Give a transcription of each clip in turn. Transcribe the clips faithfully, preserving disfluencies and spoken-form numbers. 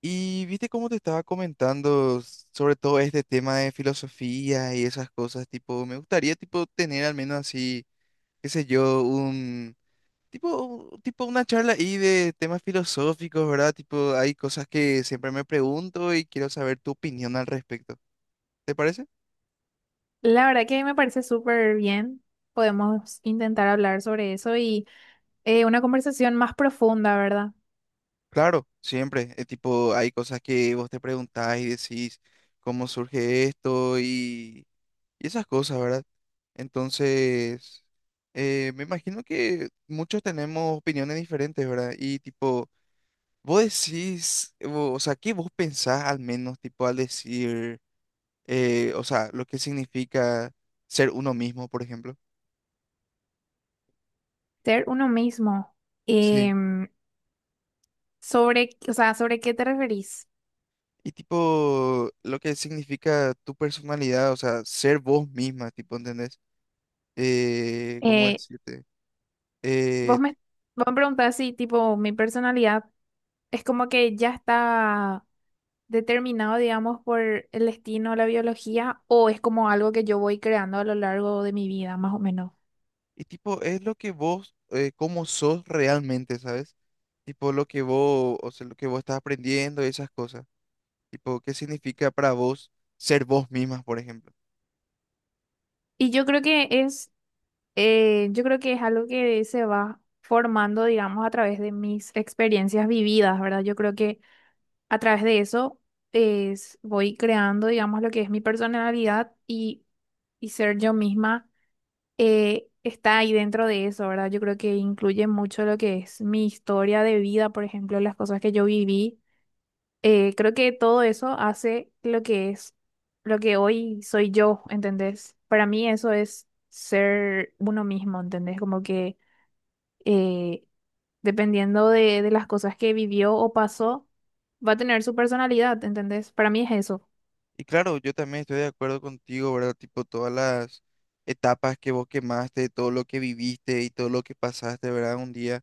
Y viste cómo te estaba comentando sobre todo este tema de filosofía y esas cosas, tipo, me gustaría tipo tener al menos así, qué sé yo, un tipo, tipo una charla ahí de temas filosóficos, ¿verdad? Tipo, hay cosas que siempre me pregunto y quiero saber tu opinión al respecto. ¿Te parece? La verdad que me parece súper bien. Podemos intentar hablar sobre eso y eh, una conversación más profunda, ¿verdad? Claro, siempre. Eh, tipo, hay cosas que vos te preguntás y decís cómo surge esto y y esas cosas, ¿verdad? Entonces, eh, me imagino que muchos tenemos opiniones diferentes, ¿verdad? Y tipo, vos decís, o, o sea, ¿qué vos pensás al menos, tipo, al decir, eh, o sea, lo que significa ser uno mismo, por ejemplo? Ser uno mismo. Sí. Em, sobre, o sea, ¿sobre qué te referís? Y tipo, lo que significa tu personalidad, o sea, ser vos misma, tipo, ¿entendés? Eh, ¿cómo Eh, decirte? Eh, vos me, vos me preguntás si, tipo, mi personalidad es como que ya está determinado, digamos, por el destino, la biología, o es como algo que yo voy creando a lo largo de mi vida, más o menos. y tipo, es lo que vos, eh, cómo sos realmente, ¿sabes? Tipo lo que vos, o sea, lo que vos estás aprendiendo, y esas cosas. Tipo, ¿qué significa para vos ser vos misma, por ejemplo? Y yo creo que es Eh, yo creo que es algo que se va formando, digamos, a través de mis experiencias vividas, ¿verdad? Yo creo que a través de eso es, voy creando, digamos, lo que es mi personalidad y, y ser yo misma eh, está ahí dentro de eso, ¿verdad? Yo creo que incluye mucho lo que es mi historia de vida, por ejemplo, las cosas que yo viví eh, Creo que todo eso hace lo que es, lo que hoy soy yo, ¿entendés? Para mí eso es ser uno mismo, ¿entendés? Como que eh, dependiendo de, de las cosas que vivió o pasó, va a tener su personalidad, ¿entendés? Para mí es eso. Y claro, yo también estoy de acuerdo contigo, ¿verdad? Tipo, todas las etapas que vos quemaste, todo lo que viviste y todo lo que pasaste, ¿verdad? Un día,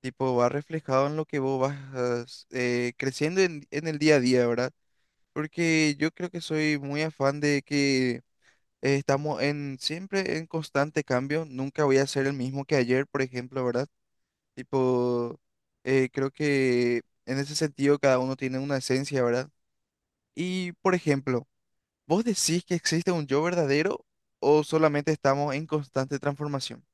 tipo, va reflejado en lo que vos vas eh, creciendo en, en el día a día, ¿verdad? Porque yo creo que soy muy afán de que eh, estamos en siempre en constante cambio. Nunca voy a ser el mismo que ayer, por ejemplo, ¿verdad? Tipo, eh, creo que en ese sentido cada uno tiene una esencia, ¿verdad? Y, por ejemplo, ¿vos decís que existe un yo verdadero o solamente estamos en constante transformación?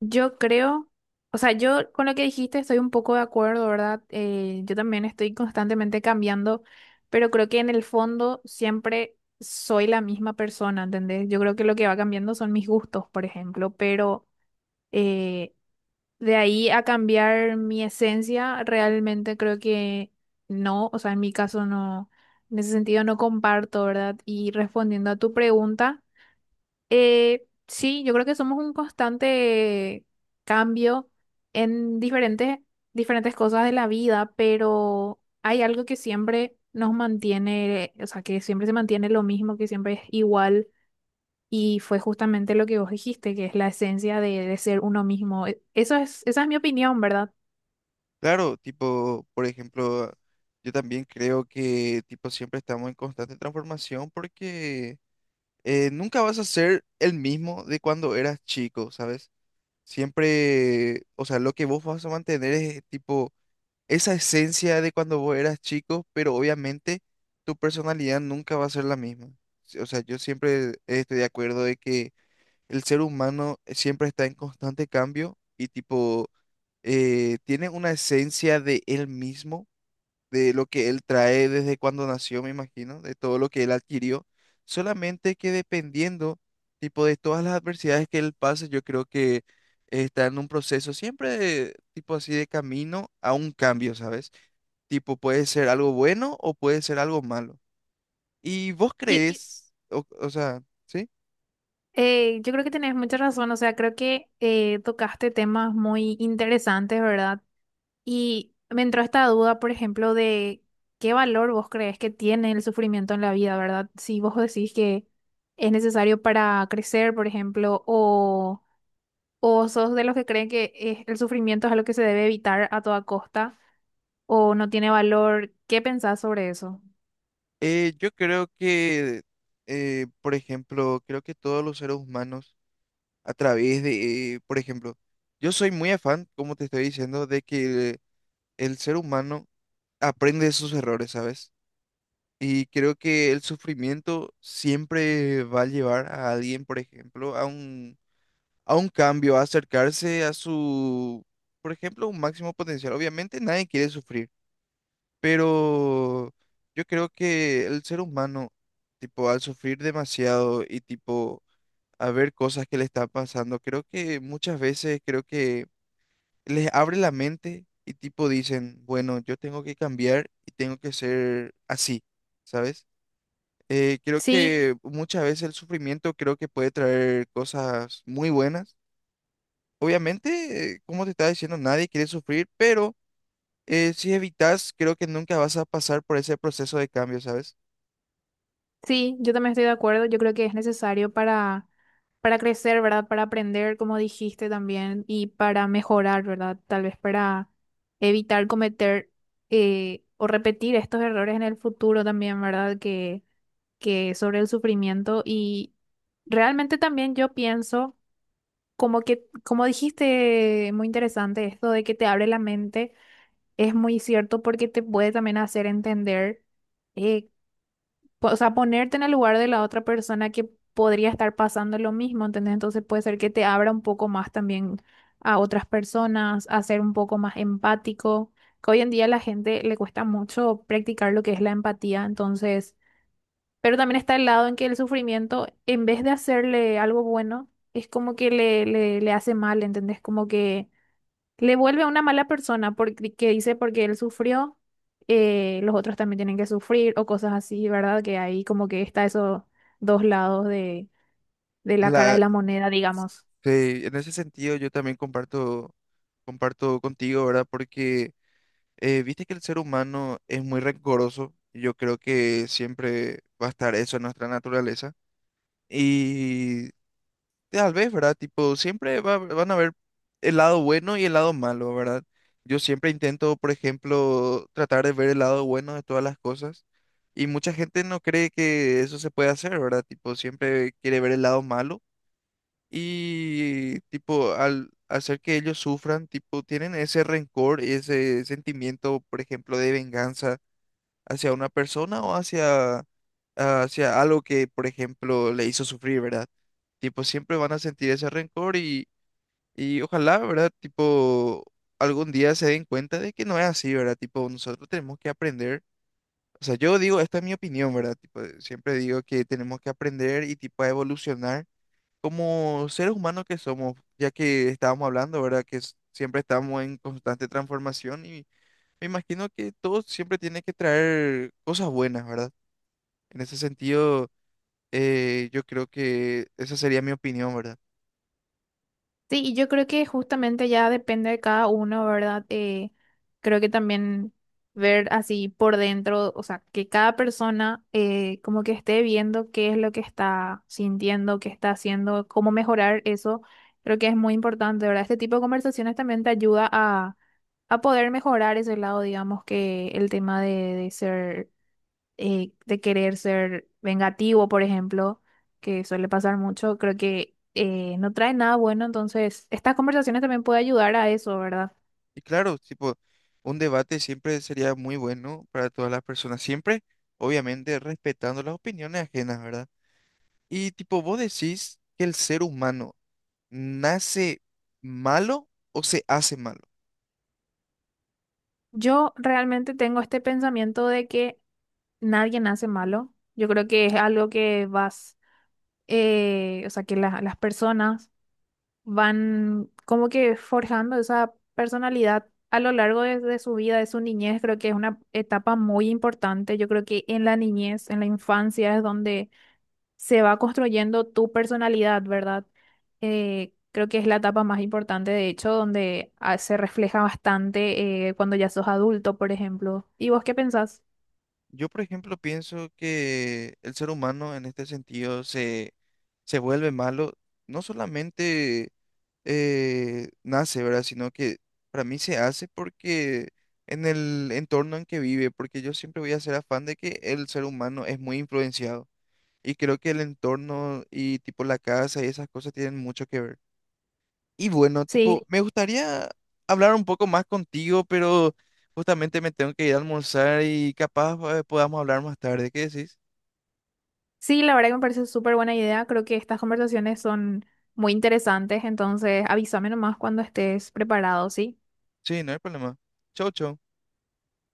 Yo creo, o sea, yo con lo que dijiste estoy un poco de acuerdo, ¿verdad? Eh, yo también estoy constantemente cambiando, pero creo que en el fondo siempre soy la misma persona, ¿entendés? Yo creo que lo que va cambiando son mis gustos, por ejemplo, pero eh, de ahí a cambiar mi esencia, realmente creo que no, o sea, en mi caso no, en ese sentido no comparto, ¿verdad? Y respondiendo a tu pregunta. Eh, sí, yo creo que somos un constante cambio en diferentes, diferentes cosas de la vida, pero hay algo que siempre nos mantiene, o sea, que siempre se mantiene lo mismo, que siempre es igual, y fue justamente lo que vos dijiste, que es la esencia de, de ser uno mismo. E- Eso es, esa es mi opinión, ¿verdad? Claro, tipo, por ejemplo, yo también creo que, tipo, siempre estamos en constante transformación porque eh, nunca vas a ser el mismo de cuando eras chico, ¿sabes? Siempre, o sea, lo que vos vas a mantener es, tipo, esa esencia de cuando vos eras chico, pero obviamente tu personalidad nunca va a ser la misma. Sí, o sea, yo siempre estoy de acuerdo de que el ser humano siempre está en constante cambio y tipo eh, tiene una esencia de él mismo, de lo que él trae desde cuando nació, me imagino, de todo lo que él adquirió, solamente que dependiendo tipo de todas las adversidades que él pase, yo creo que está en un proceso siempre de- tipo así de camino a un cambio, ¿sabes? Tipo, puede ser algo bueno o puede ser algo malo. ¿Y vos Y crees, o, o sea, sí? eh, yo creo que tenés mucha razón, o sea, creo que eh, tocaste temas muy interesantes, ¿verdad? Y me entró esta duda, por ejemplo, de qué valor vos crees que tiene el sufrimiento en la vida, ¿verdad? Si vos decís que es necesario para crecer, por ejemplo, o, o sos de los que creen que es- el sufrimiento es algo que se debe evitar a toda costa, o no tiene valor, ¿qué pensás sobre eso? Eh, yo creo que, eh, por ejemplo, creo que todos los seres humanos, a través de, eh, por ejemplo, yo soy muy afán, como te estoy diciendo, de que el ser humano aprende de sus errores, ¿sabes? Y creo que el sufrimiento siempre va a llevar a alguien, por ejemplo, a un a un cambio, a acercarse a su, por ejemplo, un máximo potencial. Obviamente nadie quiere sufrir, pero yo creo que el ser humano, tipo, al sufrir demasiado y tipo, a ver cosas que le están pasando, creo que muchas veces creo que les abre la mente y tipo dicen, bueno, yo tengo que cambiar y tengo que ser así, ¿sabes? Eh, creo Sí. que muchas veces el sufrimiento creo que puede traer cosas muy buenas. Obviamente, eh, como te estaba diciendo, nadie quiere sufrir, pero eh, si evitas, creo que nunca vas a pasar por ese proceso de cambio, ¿sabes? Sí, yo también estoy de acuerdo. Yo creo que es necesario para, para crecer, ¿verdad? Para aprender, como dijiste también, y para mejorar, ¿verdad? Tal vez para evitar cometer eh, o repetir estos errores en el futuro también, ¿verdad? Que, que sobre el sufrimiento. Y realmente también yo pienso, como que, como dijiste, muy interesante esto de que te abre la mente, es muy cierto porque te puede también hacer entender. eh, po- O sea, ponerte en el lugar de la otra persona que podría estar pasando lo mismo, ¿entendés? Entonces puede ser que te abra un poco más también a otras personas, a ser un poco más empático, que hoy en día a la gente le cuesta mucho practicar lo que es la empatía, entonces, pero también está el lado en que el sufrimiento, en vez de hacerle algo bueno, es como que le, le, le hace mal, ¿entendés? Como que le vuelve a una mala persona porque que dice porque él sufrió, eh, los otros también tienen que sufrir o cosas así, ¿verdad? Que ahí como que está esos dos lados de, de la cara de La, la moneda, digamos. sí, en ese sentido, yo también comparto, comparto contigo, ¿verdad? Porque eh, viste que el ser humano es muy rencoroso. Yo creo que siempre va a estar eso en nuestra naturaleza. Y tal vez, ¿verdad? Tipo, siempre va- van a haber el lado bueno y el lado malo, ¿verdad? Yo siempre intento, por ejemplo, tratar de ver el lado bueno de todas las cosas y mucha gente no cree que eso se puede hacer, ¿verdad? Tipo, siempre quiere ver el lado malo y, tipo, al hacer que ellos sufran, tipo, tienen ese rencor y ese sentimiento, por ejemplo, de venganza hacia una persona o hacia, hacia algo que, por ejemplo, le hizo sufrir, ¿verdad? Tipo, siempre van a sentir ese rencor y, y ojalá, ¿verdad? Tipo, algún día se den cuenta de que no es así, ¿verdad? Tipo, nosotros tenemos que aprender. O sea, yo digo, esta es mi opinión, ¿verdad? Tipo, siempre digo que tenemos que aprender y tipo a evolucionar como seres humanos que somos, ya que estábamos hablando, ¿verdad? Que s- siempre estamos en constante transformación y me imagino que todo siempre tiene que traer cosas buenas, ¿verdad? En ese sentido, eh, yo creo que esa sería mi opinión, ¿verdad? Sí, y yo creo que justamente ya depende de cada uno, ¿verdad? Eh, creo que también ver así por dentro, o sea, que cada persona eh, como que esté viendo qué es lo que está sintiendo, qué está haciendo, cómo mejorar eso, creo que es muy importante, ¿verdad? Este tipo de conversaciones también te ayuda a a poder mejorar ese lado, digamos, que el tema de, de ser, eh, de querer ser vengativo, por ejemplo, que suele pasar mucho, creo que eh, no trae nada bueno, entonces estas conversaciones también pueden ayudar a eso, ¿verdad? Y claro, tipo, un debate siempre sería muy bueno para todas las personas, siempre, obviamente, respetando las opiniones ajenas, ¿verdad? Y tipo, ¿vos decís que el ser humano nace malo o se hace malo? Yo realmente tengo este pensamiento de que nadie nace malo, yo creo que es algo que vas, eh, o sea, que la- las personas van como que forjando esa personalidad a lo largo de, de su vida, de su niñez. Creo que es una etapa muy importante. Yo creo que en la niñez, en la infancia, es donde se va construyendo tu personalidad, ¿verdad? Eh, creo que es la etapa más importante, de hecho, donde ah, se refleja bastante eh, cuando ya sos adulto, por ejemplo. ¿Y vos qué pensás? Yo, por ejemplo, pienso que el ser humano en este sentido se, se vuelve malo, no solamente eh, nace, ¿verdad? Sino que para mí se hace porque en el entorno en que vive, porque yo siempre voy a ser afán de que el ser humano es muy influenciado y creo que el entorno y tipo la casa y esas cosas tienen mucho que ver. Y bueno, tipo, sí, Sí, me gustaría hablar un poco más contigo, pero justamente me tengo que ir a almorzar y capaz eh, podamos hablar más tarde. ¿Qué decís? sí, la verdad que me parece súper buena idea. Creo que estas conversaciones son muy interesantes, entonces avísame nomás cuando estés preparado, ¿sí? Sí, no hay problema. Chau, chau.